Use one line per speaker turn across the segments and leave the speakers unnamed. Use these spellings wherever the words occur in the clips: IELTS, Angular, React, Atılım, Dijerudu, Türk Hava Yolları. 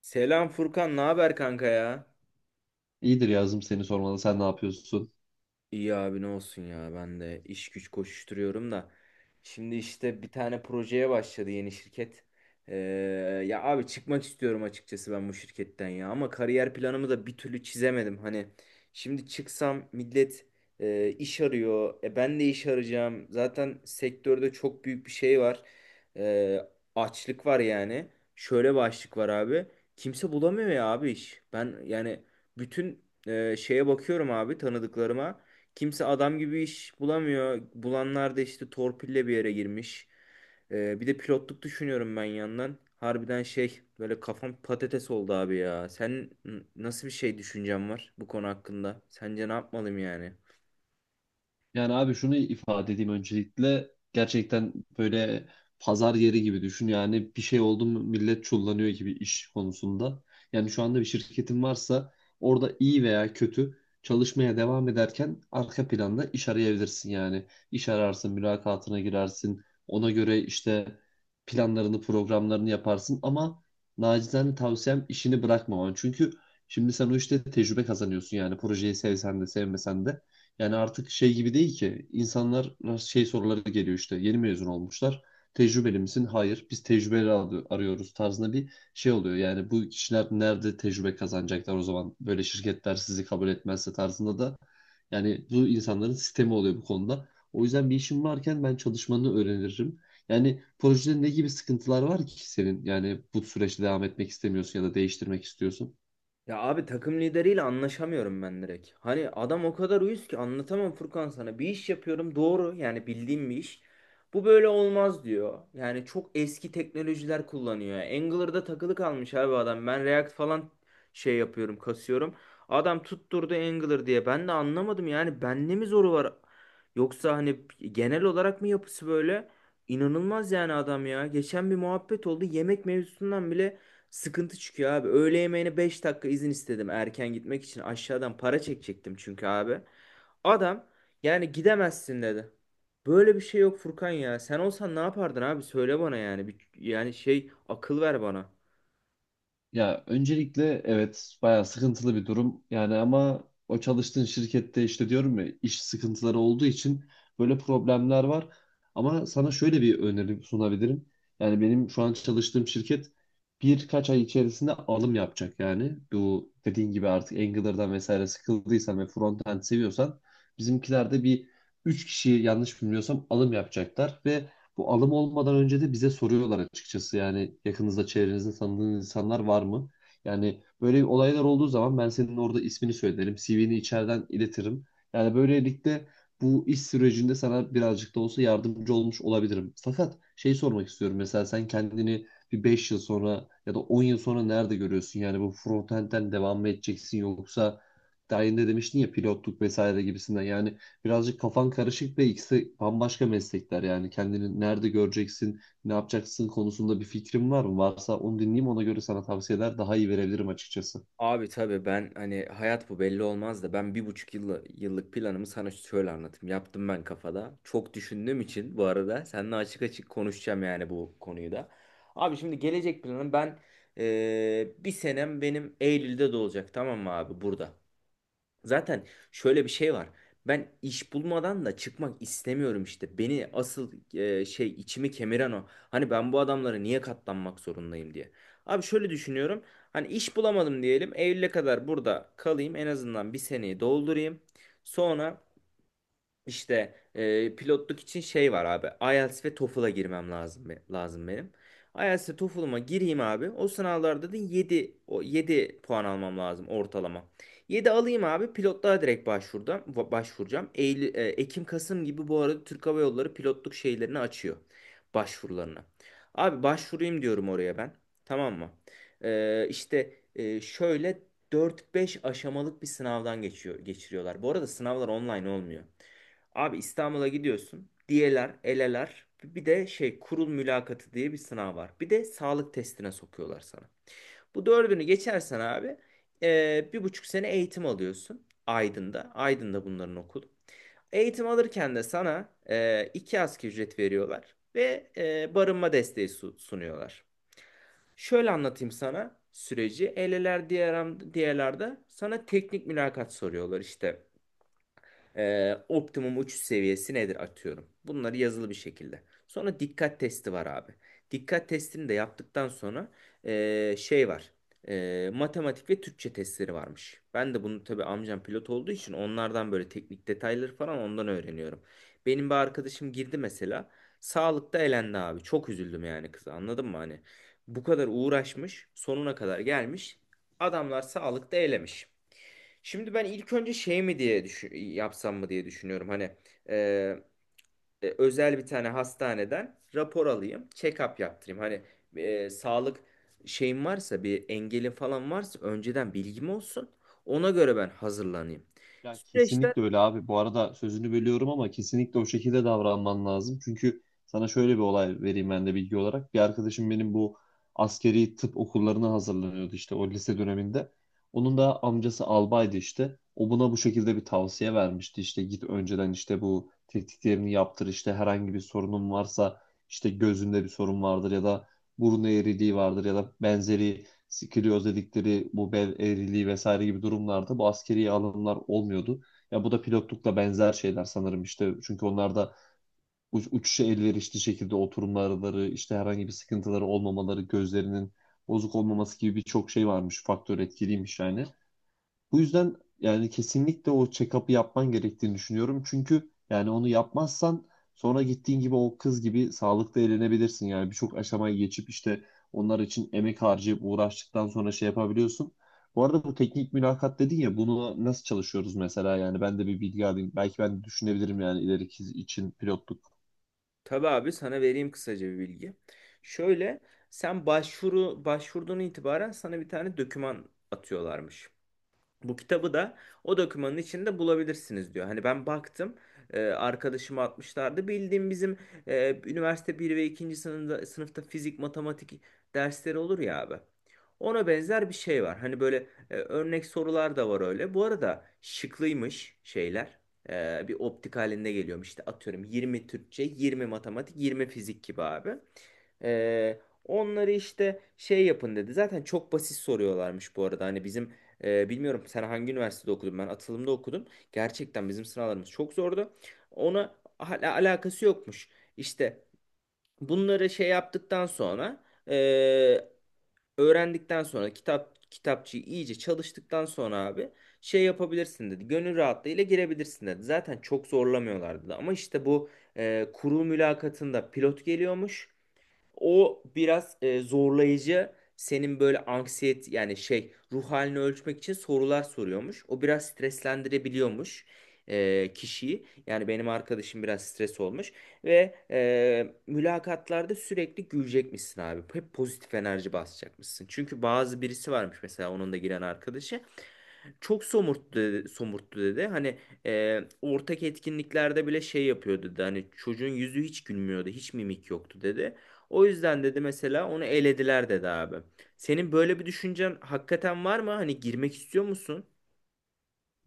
Selam Furkan, ne haber kanka ya?
İyidir, yazdım seni sormalı. Sen ne yapıyorsun?
İyi abi ne olsun ya ben de iş güç koşuşturuyorum da. Şimdi işte bir tane projeye başladı yeni şirket. Ee, Ya abi çıkmak istiyorum açıkçası ben bu şirketten ya ama kariyer planımı da bir türlü çizemedim. Hani şimdi çıksam millet iş arıyor. Ben de iş arayacağım. Zaten sektörde çok büyük bir şey var. Ee, Açlık var yani. Şöyle bir açlık var abi. Kimse bulamıyor ya abi iş. Ben yani bütün şeye bakıyorum abi, tanıdıklarıma. Kimse adam gibi iş bulamıyor. Bulanlar da işte torpille bir yere girmiş. Bir de pilotluk düşünüyorum ben yandan. Harbiden şey böyle kafam patates oldu abi ya. Sen nasıl bir şey düşüncen var bu konu hakkında? Sence ne yapmalıyım yani?
Yani abi şunu ifade edeyim öncelikle, gerçekten böyle pazar yeri gibi düşün yani, bir şey oldu mu millet çullanıyor gibi iş konusunda. Yani şu anda bir şirketin varsa, orada iyi veya kötü çalışmaya devam ederken arka planda iş arayabilirsin yani. İş ararsın, mülakatına girersin, ona göre işte planlarını, programlarını yaparsın ama nacizane tavsiyem işini bırakmaman. Çünkü şimdi sen o işte tecrübe kazanıyorsun yani, projeyi sevsen de sevmesen de. Yani artık şey gibi değil ki, insanlar şey soruları geliyor işte, yeni mezun olmuşlar. Tecrübeli misin? Hayır. Biz tecrübeli arıyoruz tarzında bir şey oluyor. Yani bu kişiler nerede tecrübe kazanacaklar o zaman? Böyle şirketler sizi kabul etmezse tarzında da yani, bu insanların sistemi oluyor bu konuda. O yüzden bir işin varken ben çalışmanı öğrenirim. Yani projede ne gibi sıkıntılar var ki senin? Yani bu süreçte devam etmek istemiyorsun ya da değiştirmek istiyorsun.
Ya abi takım lideriyle anlaşamıyorum ben direkt. Hani adam o kadar uyuz ki anlatamam Furkan sana. Bir iş yapıyorum doğru, yani bildiğim bir iş. Bu böyle olmaz diyor. Yani çok eski teknolojiler kullanıyor. Angular'da takılı kalmış abi adam. Ben React falan şey yapıyorum, kasıyorum. Adam tutturdu Angular diye. Ben de anlamadım, yani bende mi zoru var? Yoksa hani genel olarak mı yapısı böyle? İnanılmaz yani adam ya. Geçen bir muhabbet oldu. Yemek mevzusundan bile sıkıntı çıkıyor abi. Öğle yemeğine 5 dakika izin istedim erken gitmek için. Aşağıdan para çekecektim çünkü abi. Adam yani gidemezsin dedi. Böyle bir şey yok Furkan ya. Sen olsan ne yapardın abi? Söyle bana yani. Bir, yani şey akıl ver bana.
Ya öncelikle evet, bayağı sıkıntılı bir durum. Yani ama o çalıştığın şirkette işte, diyorum ya, iş sıkıntıları olduğu için böyle problemler var. Ama sana şöyle bir öneri sunabilirim. Yani benim şu an çalıştığım şirket birkaç ay içerisinde alım yapacak yani. Bu dediğin gibi artık Angular'dan vesaire sıkıldıysan ve frontend seviyorsan, bizimkiler de bir 3 kişi, yanlış bilmiyorsam, alım yapacaklar ve bu alım olmadan önce de bize soruyorlar açıkçası. Yani yakınızda çevrenizde tanıdığınız insanlar var mı? Yani böyle olaylar olduğu zaman ben senin orada ismini söylerim, CV'ni içeriden iletirim. Yani böylelikle bu iş sürecinde sana birazcık da olsa yardımcı olmuş olabilirim. Fakat şey sormak istiyorum. Mesela sen kendini bir 5 yıl sonra ya da 10 yıl sonra nerede görüyorsun? Yani bu frontend'den devam mı edeceksin, yoksa daha yeni de demiştin ya pilotluk vesaire gibisinden. Yani birazcık kafan karışık ve ikisi bambaşka meslekler. Yani kendini nerede göreceksin, ne yapacaksın konusunda bir fikrin var mı? Varsa onu dinleyeyim, ona göre sana tavsiyeler daha iyi verebilirim açıkçası.
Abi tabii ben hani hayat bu belli olmaz da ben bir buçuk yıllık planımı sana şöyle anlatayım. Yaptım ben kafada. Çok düşündüğüm için bu arada seninle açık açık konuşacağım yani bu konuyu da. Abi şimdi gelecek planım ben bir senem benim Eylül'de de olacak, tamam mı abi, burada. Zaten şöyle bir şey var. Ben iş bulmadan da çıkmak istemiyorum işte. Beni asıl şey içimi kemiren o. Hani ben bu adamlara niye katlanmak zorundayım diye. Abi şöyle düşünüyorum. Hani iş bulamadım diyelim. Eylül'e kadar burada kalayım. En azından bir seneyi doldurayım. Sonra işte pilotluk için şey var abi. IELTS ve TOEFL'a girmem lazım, lazım benim. IELTS ve TOEFL'ıma gireyim abi. O sınavlarda da yedi, o 7 puan almam lazım ortalama. Yedi alayım abi. Pilotluğa direkt başvurdum. Başvuracağım. Eylül, Ekim Kasım gibi bu arada Türk Hava Yolları pilotluk şeylerini açıyor. Başvurularını. Abi başvurayım diyorum oraya ben. Tamam mı? Şöyle dört beş aşamalık bir sınavdan geçiriyorlar. Bu arada sınavlar online olmuyor. Abi İstanbul'a gidiyorsun. Diyeler, eleler. Bir de şey kurul mülakatı diye bir sınav var. Bir de sağlık testine sokuyorlar sana. Bu dördünü geçersen abi bir buçuk sene eğitim alıyorsun Aydın'da. Aydın'da bunların okulu. Eğitim alırken de sana iki asgari ücret veriyorlar ve barınma desteği sunuyorlar. Şöyle anlatayım sana süreci. Eleler, diğerlerde sana teknik mülakat soruyorlar işte. Optimum uçuş seviyesi nedir atıyorum. Bunları yazılı bir şekilde. Sonra dikkat testi var abi. Dikkat testini de yaptıktan sonra şey var. Matematik ve Türkçe testleri varmış. Ben de bunu tabii amcam pilot olduğu için onlardan böyle teknik detayları falan ondan öğreniyorum. Benim bir arkadaşım girdi mesela. Sağlıkta elendi abi. Çok üzüldüm yani kıza. Anladın mı hani? Bu kadar uğraşmış, sonuna kadar gelmiş. Adamlar sağlıkta elemiş. Şimdi ben ilk önce şey mi diye düşün, yapsam mı diye düşünüyorum. Hani e, özel bir tane hastaneden rapor alayım, check-up yaptırayım. Hani sağlık şeyim varsa, bir engelin falan varsa, önceden bilgim olsun. Ona göre ben hazırlanayım.
Ya
Süreçte
kesinlikle öyle abi. Bu arada sözünü bölüyorum ama kesinlikle o şekilde davranman lazım. Çünkü sana şöyle bir olay vereyim ben de bilgi olarak. Bir arkadaşım benim bu askeri tıp okullarına hazırlanıyordu işte, o lise döneminde. Onun da amcası albaydı işte. O buna bu şekilde bir tavsiye vermişti. İşte git önceden işte bu tetkiklerini yaptır. İşte herhangi bir sorunun varsa, işte gözünde bir sorun vardır ya da burun eğriliği vardır ya da benzeri sikiliyoz dedikleri bu bel eğriliği vesaire gibi durumlarda bu askeri alımlar olmuyordu. Ya bu da pilotlukla benzer şeyler sanırım işte, çünkü onlarda uçuşa elverişli şekilde oturumları, işte herhangi bir sıkıntıları olmamaları, gözlerinin bozuk olmaması gibi birçok şey varmış, faktör etkiliymiş yani. Bu yüzden yani kesinlikle o check-up'ı yapman gerektiğini düşünüyorum. Çünkü yani onu yapmazsan sonra, gittiğin gibi o kız gibi, sağlıkta eğlenebilirsin. Yani birçok aşamayı geçip işte onlar için emek harcayıp uğraştıktan sonra şey yapabiliyorsun. Bu arada bu teknik mülakat dedin ya, bunu nasıl çalışıyoruz mesela, yani ben de bir bilgi alayım. Belki ben de düşünebilirim yani ileriki için pilotluk.
tabii abi sana vereyim kısaca bir bilgi. Şöyle, sen başvuru başvurduğun itibaren sana bir tane doküman atıyorlarmış. Bu kitabı da o dokümanın içinde bulabilirsiniz diyor. Hani ben baktım arkadaşıma atmışlardı. Bildiğim bizim üniversite bir ve 2. Sınıfta fizik, matematik dersleri olur ya abi. Ona benzer bir şey var. Hani böyle örnek sorular da var öyle. Bu arada şıklıymış şeyler. Bir optik halinde geliyormuş. İşte atıyorum 20 Türkçe, 20 matematik, 20 fizik gibi abi. E, Onları işte şey yapın dedi. Zaten çok basit soruyorlarmış bu arada. Hani bizim bilmiyorum sen hangi üniversitede okudun? Ben atılımda okudum. Gerçekten bizim sınavlarımız çok zordu. Ona hala alakası yokmuş. İşte bunları şey yaptıktan sonra e, öğrendikten sonra, kitapçıyı iyice çalıştıktan sonra abi şey yapabilirsin dedi. Gönül rahatlığıyla girebilirsin dedi. Zaten çok zorlamıyorlardı da. Ama işte bu kurul mülakatında pilot geliyormuş. O biraz zorlayıcı. Senin böyle anksiyet yani şey ruh halini ölçmek için sorular soruyormuş. O biraz streslendirebiliyormuş kişiyi. Yani benim arkadaşım biraz stres olmuş. Ve mülakatlarda sürekli gülecekmişsin abi. Hep pozitif enerji basacakmışsın. Çünkü bazı birisi varmış mesela, onun da giren arkadaşı. Çok somurttu dedi, somurttu dedi. Hani ortak etkinliklerde bile şey yapıyordu dedi. Hani çocuğun yüzü hiç gülmüyordu. Hiç mimik yoktu dedi. O yüzden dedi mesela onu elediler dedi abi. Senin böyle bir düşüncen hakikaten var mı? Hani girmek istiyor musun?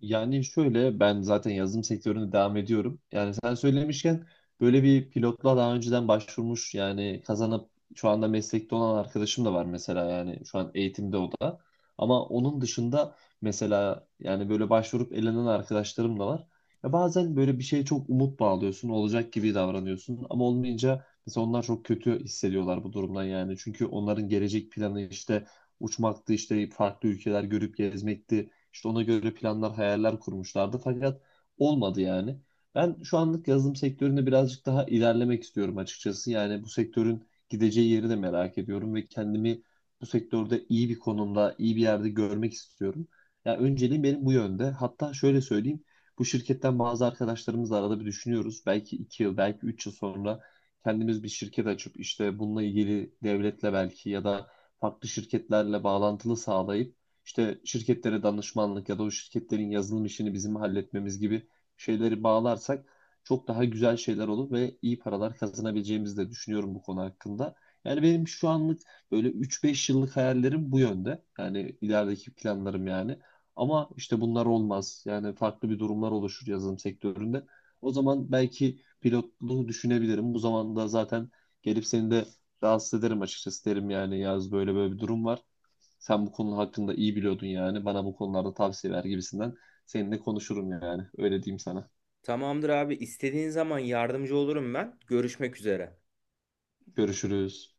Yani şöyle, ben zaten yazılım sektöründe devam ediyorum. Yani sen söylemişken, böyle bir pilotla daha önceden başvurmuş, yani kazanıp şu anda meslekte olan arkadaşım da var mesela, yani şu an eğitimde o da. Ama onun dışında mesela, yani böyle başvurup elenen arkadaşlarım da var. Ya bazen böyle bir şeye çok umut bağlıyorsun, olacak gibi davranıyorsun ama olmayınca mesela onlar çok kötü hissediyorlar bu durumdan yani. Çünkü onların gelecek planı işte uçmaktı, işte farklı ülkeler görüp gezmekti. İşte ona göre planlar, hayaller kurmuşlardı. Fakat olmadı yani. Ben şu anlık yazılım sektöründe birazcık daha ilerlemek istiyorum açıkçası. Yani bu sektörün gideceği yeri de merak ediyorum ve kendimi bu sektörde iyi bir konumda, iyi bir yerde görmek istiyorum. Ya önceliğim benim bu yönde. Hatta şöyle söyleyeyim. Bu şirketten bazı arkadaşlarımızla arada bir düşünüyoruz. Belki 2 yıl, belki 3 yıl sonra kendimiz bir şirket açıp işte bununla ilgili devletle belki ya da farklı şirketlerle bağlantılı sağlayıp işte şirketlere danışmanlık ya da o şirketlerin yazılım işini bizim halletmemiz gibi şeyleri bağlarsak, çok daha güzel şeyler olur ve iyi paralar kazanabileceğimizi de düşünüyorum bu konu hakkında. Yani benim şu anlık böyle 3-5 yıllık hayallerim bu yönde. Yani ilerideki planlarım yani. Ama işte bunlar olmaz. Yani farklı bir durumlar oluşur yazılım sektöründe. O zaman belki pilotluğu düşünebilirim. Bu zamanda zaten gelip seni de rahatsız ederim açıkçası, derim yani, yaz böyle böyle bir durum var. Sen bu konu hakkında iyi biliyordun yani. Bana bu konularda tavsiye ver gibisinden. Seninle konuşurum yani. Öyle diyeyim sana.
Tamamdır abi, istediğin zaman yardımcı olurum ben. Görüşmek üzere.
Görüşürüz.